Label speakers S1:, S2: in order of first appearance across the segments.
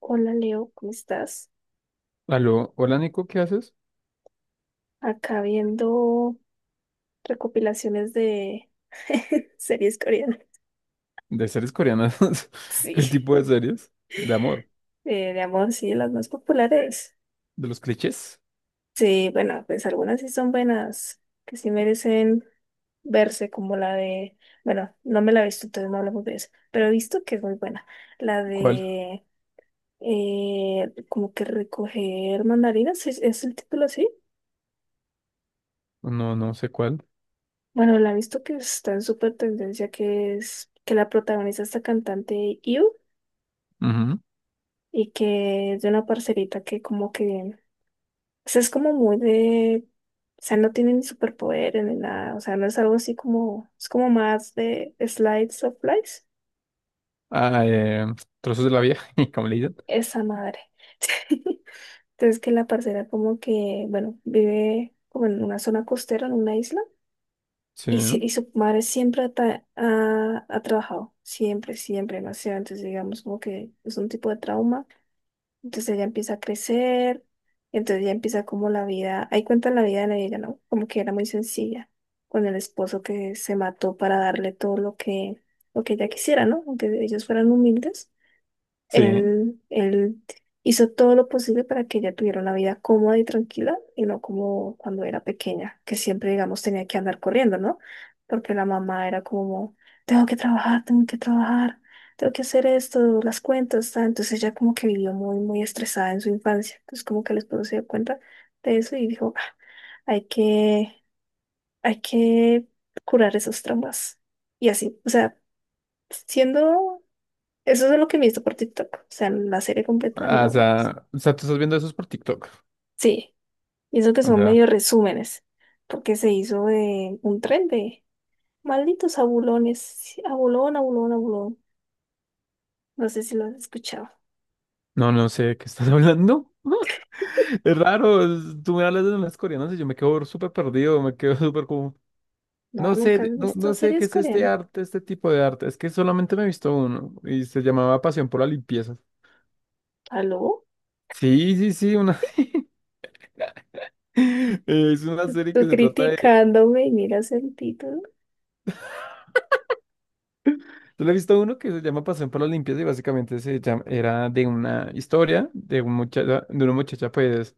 S1: Hola Leo, ¿cómo estás?
S2: Aló, hola Nico, ¿qué haces?
S1: Acá viendo recopilaciones de series coreanas.
S2: ¿De series coreanas?
S1: Sí,
S2: ¿Qué tipo de series? ¿De amor?
S1: de amor, sí, las más populares.
S2: ¿De los clichés?
S1: Sí, bueno, pues algunas sí son buenas, que sí merecen verse, como la de, bueno, no me la he visto, entonces no hablamos de eso, pero he visto que es muy buena. La
S2: ¿Cuál?
S1: de, como que recoger mandarinas, ¿es el título así?
S2: No, no sé cuál.
S1: Bueno, la he visto que está en súper tendencia, que es que la protagoniza esta cantante IU,
S2: Ujú.
S1: y que es de una parcerita que como que, o sea, es como muy de, o sea, no tiene ni superpoderes ni nada, o sea, no es algo así como, es como más de slides of life,
S2: Ah, eh, Trozos de la Vida, ¿cómo le dicen?
S1: esa madre. Entonces que la parcera como que, bueno, vive como en una zona costera, en una isla,
S2: Sí,
S1: y, y su madre siempre ha, ha trabajado, siempre, demasiado, entonces digamos como que es un tipo de trauma. Entonces ella empieza a crecer, entonces ya empieza como la vida, ahí cuenta la vida de ella, ¿no? Como que era muy sencilla, con el esposo que se mató para darle todo lo que ella quisiera, ¿no? Aunque ellos fueran humildes.
S2: sí.
S1: Él hizo todo lo posible para que ella tuviera una vida cómoda y tranquila y no como cuando era pequeña, que siempre, digamos, tenía que andar corriendo, ¿no? Porque la mamá era como, tengo que trabajar, tengo que trabajar, tengo que hacer esto, las cuentas, tal. Entonces ella como que vivió muy, muy estresada en su infancia. Entonces como que el esposo se dio cuenta de eso y dijo, "Ah, hay que, hay que curar esos traumas". Y así, o sea, siendo eso es lo que he visto por TikTok. O sea, la serie completa
S2: Ah,
S1: no. Es-
S2: o sea, tú estás viendo esos por TikTok.
S1: sí, y eso que
S2: O
S1: son
S2: sea,
S1: medio resúmenes, porque se hizo de un tren de malditos abulones. Sí, abulón, abulón, abulón. No sé si lo has escuchado.
S2: no, no sé de qué estás hablando. Es raro, tú me hablas de las coreanas y yo me quedo súper perdido, me quedo súper como...
S1: No,
S2: No
S1: nunca
S2: sé,
S1: has
S2: no,
S1: visto
S2: no sé qué
S1: series
S2: es este
S1: coreanas.
S2: arte, este tipo de arte. Es que solamente me he visto uno y se llamaba Pasión por la Limpieza.
S1: ¿Aló?
S2: Sí, sí, sí, una... es una serie
S1: Tú
S2: que se trata de...
S1: criticándome y miras el título.
S2: Yo le he visto uno que se llama Pasión por las Limpias y básicamente se llama... era de una historia de, una muchacha pues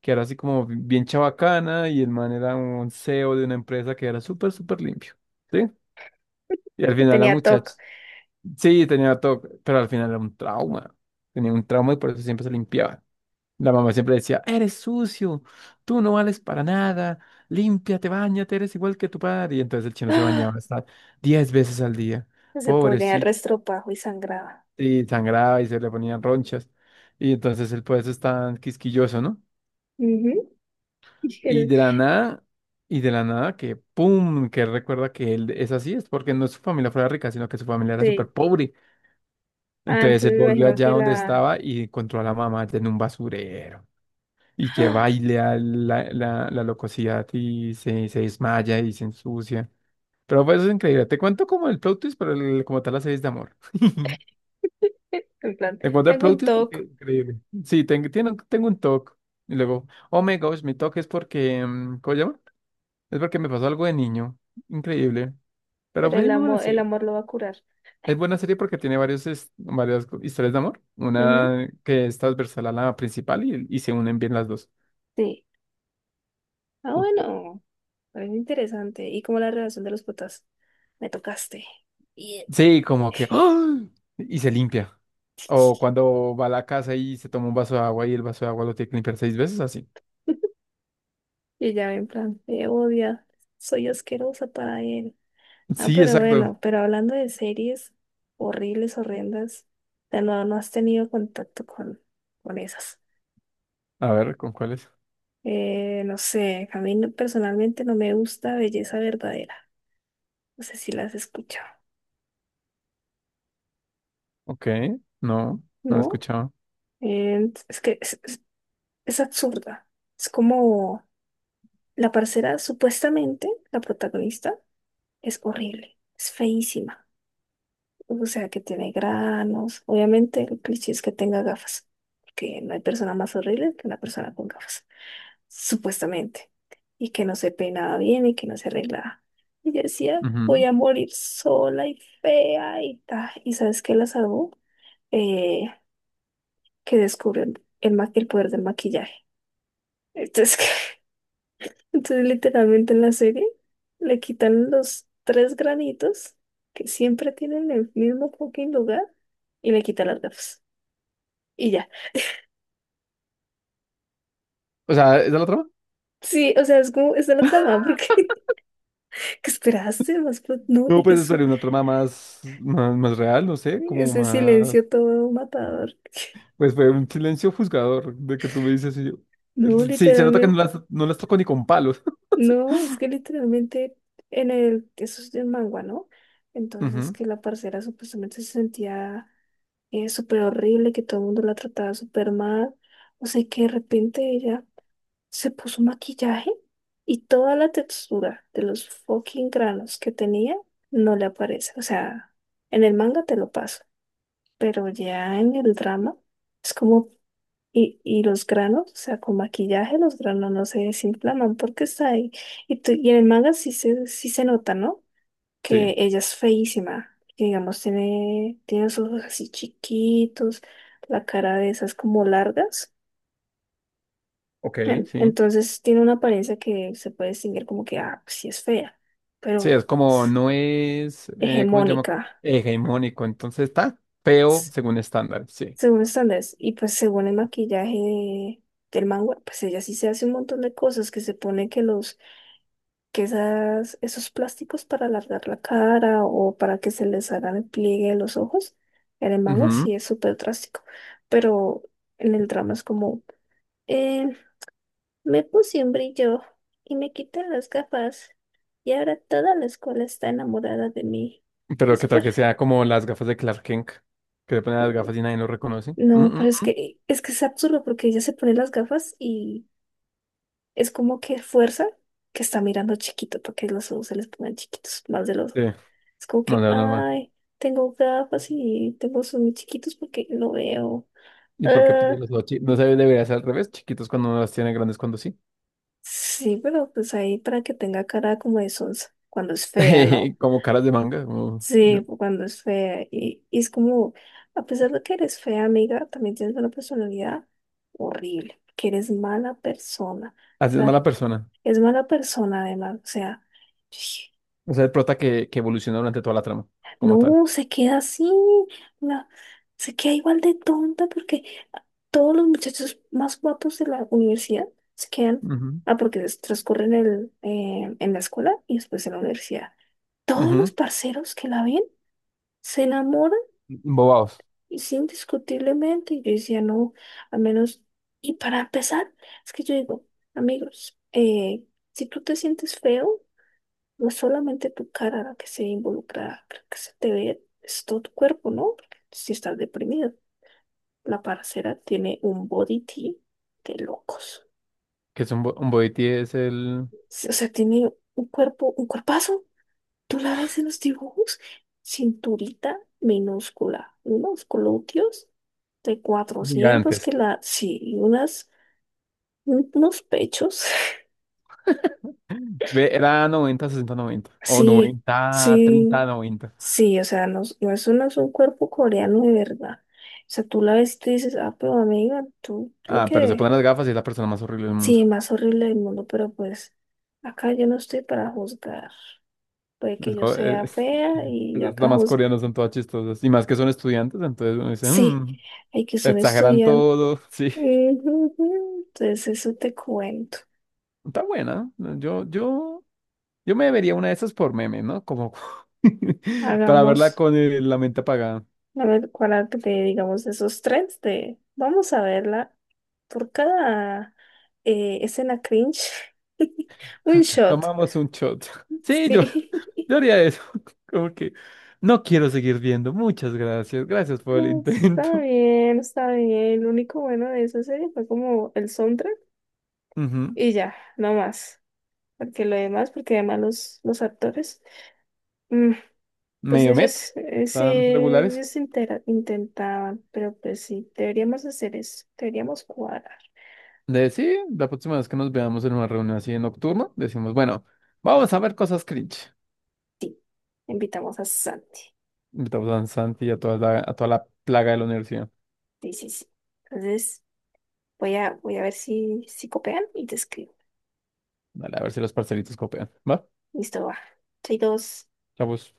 S2: que era así como bien chabacana y el man era un CEO de una empresa que era súper, súper limpio, ¿sí? Y al
S1: Que
S2: final la
S1: tenía TOC.
S2: muchacha... Sí, tenía todo, pero al final era un trauma. Tenía un trauma y por eso siempre se limpiaba. La mamá siempre decía, eres sucio, tú no vales para nada, límpiate, bañate, eres igual que tu padre. Y entonces el chino se
S1: ¡Ah!
S2: bañaba hasta 10 veces al día.
S1: Se ponía el
S2: Pobrecito,
S1: restropajo y sangraba.
S2: y sangraba y se le ponían ronchas. Y entonces el pues es tan quisquilloso, ¿no?
S1: Ujú. Y
S2: Y
S1: el-
S2: de la nada, y de la nada que pum, que él recuerda que él es así, es porque no su familia fuera rica, sino que su familia era súper
S1: sí.
S2: pobre.
S1: Ah,
S2: Entonces él
S1: entonces me
S2: volvió
S1: imagino
S2: allá
S1: que
S2: donde
S1: la.
S2: estaba y encontró a la mamá en un basurero. Y que
S1: ¡Ah!
S2: baila la locosidad y se desmaya y se ensucia. Pero pues es increíble. Te cuento como el plot twist, pero como tal la serie es de amor.
S1: En plan,
S2: Te cuento el
S1: tengo
S2: plot
S1: un
S2: twist porque
S1: TOC.
S2: es increíble. Sí, tengo un TOC. Y luego, oh my gosh, mi TOC es porque, ¿cómo se llama? Es porque me pasó algo de niño. Increíble. Pero
S1: Pero
S2: fue muy buena
S1: el
S2: serie.
S1: amor lo va a curar.
S2: Es buena serie porque tiene varios, varias historias de amor.
S1: Ujú,
S2: Una que es transversal a la principal y se unen bien las dos.
S1: sí. Ah, bueno, parece interesante. ¿Y como la relación de los putas? Me tocaste. Y
S2: Sí, como que ¡ah! Y se limpia. O cuando va a la casa y se toma un vaso de agua y el vaso de agua lo tiene que limpiar 6 veces, así.
S1: y ya en plan, me odia, soy asquerosa para él. Ah,
S2: Sí,
S1: pero
S2: exacto.
S1: bueno, pero hablando de series horribles, horrendas, de no, no has tenido contacto con esas.
S2: A ver, ¿con cuáles es?
S1: No sé, a mí no- personalmente no me gusta Belleza Verdadera. No sé si las has escuchado,
S2: Ok, no, no he
S1: ¿no?
S2: escuchado.
S1: Es que es absurda. Es como la parcera, supuestamente, la protagonista, es horrible, es feísima. O sea, que tiene granos. Obviamente, el cliché es que tenga gafas, porque no hay persona más horrible que una persona con gafas, supuestamente. Y que no se peinaba bien y que no se arreglaba. Y yo decía, voy
S2: Ujú.
S1: a morir sola y fea y tal. ¿Y sabes qué la salvó? Eh, que descubrió el, ma- el poder del maquillaje. Entonces, entonces, literalmente en la serie le quitan los tres granitos que siempre tienen en el mismo fucking lugar y le quitan las gafas. Y ya.
S2: O sea, ¿esa es la trama?
S1: Sí, o sea, es como, esa es de la trama, porque ¿qué esperaste? Más plot, no,
S2: No,
S1: y que
S2: pues
S1: su,
S2: esperé una trama más real, no sé, como
S1: ese
S2: más...
S1: silencio todo matador.
S2: Pues fue un silencio juzgador de que tú me dices y yo...
S1: No,
S2: Sí, se nota que
S1: literalmente,
S2: no las toco ni con palos.
S1: no, es que literalmente en el, eso es de mangua, ¿no? Entonces
S2: Ujú,
S1: que la parcera supuestamente se sentía es súper horrible, que todo el mundo la trataba súper mal. O sea, que de repente ella se puso maquillaje y toda la textura de los fucking granos que tenía no le aparece. O sea, en el manga te lo paso, pero ya en el drama es como, y los granos, o sea, con maquillaje los granos no se desinflaman porque está ahí. Y, tú- y en el manga sí se nota, ¿no?
S2: sí,
S1: Que ella es feísima, que digamos tiene los ojos así chiquitos, la cara de esas como largas.
S2: ok,
S1: En-
S2: sí.
S1: entonces tiene una apariencia que se puede distinguir como que, ah, pues sí es fea,
S2: Sí,
S1: pero
S2: es como,
S1: es
S2: no es, ¿cómo se llama?
S1: hegemónica,
S2: Hegemónico, entonces está feo
S1: s-
S2: según estándar, sí.
S1: según estándares. Y pues según el maquillaje de- del manga, pues ella sí se hace un montón de cosas, que se pone que los que esas, esos plásticos para alargar la cara o para que se les hagan el pliegue de los ojos, en el mango
S2: Ujú.
S1: sí es súper drástico, pero en el drama es como, eh, me puse un brillo y me quité las gafas y ahora toda la escuela está enamorada de mí.
S2: Pero
S1: Es
S2: que tal
S1: por-
S2: que sea como las gafas de Clark Kent, que se ponen las gafas y nadie lo reconoce. Mm,
S1: no, pero
S2: mm,
S1: es
S2: mm.
S1: que, es que es absurdo porque ella se pone las gafas y es como que fuerza que está mirando chiquito para que los ojos se les pongan chiquitos, más de los.
S2: Sí,
S1: Es como
S2: no,
S1: que,
S2: no, no, no.
S1: ay, tengo gafas y tengo ojos muy chiquitos porque no veo.
S2: ¿Y por qué pues,
S1: Ah,
S2: los dos no se debería ser al revés? Chiquitos cuando no las tiene, grandes cuando sí.
S1: sí, pero pues ahí para que tenga cara como de sonsa, cuando es fea, ¿no?
S2: Como caras de manga.
S1: Sí, cuando es fea. Y es como, a pesar de que eres fea, amiga, también tienes una personalidad horrible, que eres mala persona.
S2: Así es
S1: Tra-
S2: mala persona.
S1: es mala persona además, o sea,
S2: O sea, el prota que evoluciona durante toda la trama, como tal.
S1: no, se queda así, la- se queda igual de tonta porque todos los muchachos más guapos de la universidad se quedan,
S2: Ujú,
S1: ah, porque des- transcurren el, en la escuela y después en la universidad. Todos
S2: ujú.
S1: los parceros que la ven se enamoran
S2: Bobaos,
S1: y sí, indiscutiblemente. Y yo decía, no, al menos, y para empezar, es que yo digo, amigos, si tú te sientes feo, no es solamente tu cara la que se involucra, la que se te ve, es todo tu cuerpo, ¿no? Porque si estás deprimido, la parcera tiene un body tea de locos.
S2: que es un, un boitie es el
S1: Sí, o sea, tiene un cuerpo, un cuerpazo. Tú la ves en los dibujos, cinturita minúscula, unos glúteos de 400
S2: gigante.
S1: que la, sí, y unas, un- unos pechos.
S2: Ve, era 90-60-90 o
S1: Sí,
S2: noventa
S1: sí,
S2: treinta noventa
S1: sí, o sea, no, es- no es, un- no es un cuerpo coreano de verdad. O sea, tú la ves y tú dices, ah, pero amiga, tú lo
S2: Ah, pero se ponen
S1: que,
S2: las gafas y es la persona más horrible del mundo.
S1: sí, más horrible del mundo, pero pues acá yo no estoy para juzgar. Puede que yo
S2: Eso
S1: sea
S2: es,
S1: fea y yo
S2: esas
S1: acá
S2: damas
S1: juzgo.
S2: coreanas son todas chistosas. Y más que son estudiantes, entonces uno dice,
S1: Sí,
S2: "Mm,
S1: hay que son
S2: exageran
S1: estudiantes.
S2: todo". Sí,
S1: Ujú, entonces, eso te cuento.
S2: está buena. ¿No? Yo me vería una de esas por meme, ¿no? Como para verla
S1: Hagamos,
S2: con la mente apagada.
S1: a ver, cuál arte, te digamos, esos tres de, vamos a verla. Por cada escena cringe, un shot.
S2: Tomamos un shot. Sí,
S1: Sí,
S2: yo haría eso. Como que no quiero seguir viendo. Muchas gracias. Gracias por el
S1: no, está
S2: intento.
S1: bien, está bien. Lo único bueno de esa serie fue como el soundtrack
S2: Ujú.
S1: y ya, no más. Porque lo demás, porque además los actores, mm, pues
S2: Medio met,
S1: ellos, sí,
S2: tan regulares.
S1: ellos intentaban, pero pues sí, deberíamos hacer eso, deberíamos cuadrar.
S2: De sí, la próxima vez que nos veamos en una reunión así nocturna, decimos, bueno, vamos a ver cosas cringe.
S1: Invitamos a Santi.
S2: Invitamos a Santi y a a toda la plaga de la universidad.
S1: Sí, sí, sí. Entonces, voy a, voy a ver si, si copian y te escribo.
S2: Dale, a ver si los parcelitos copian. ¿Va?
S1: Listo, va. Soy dos.
S2: Chavos.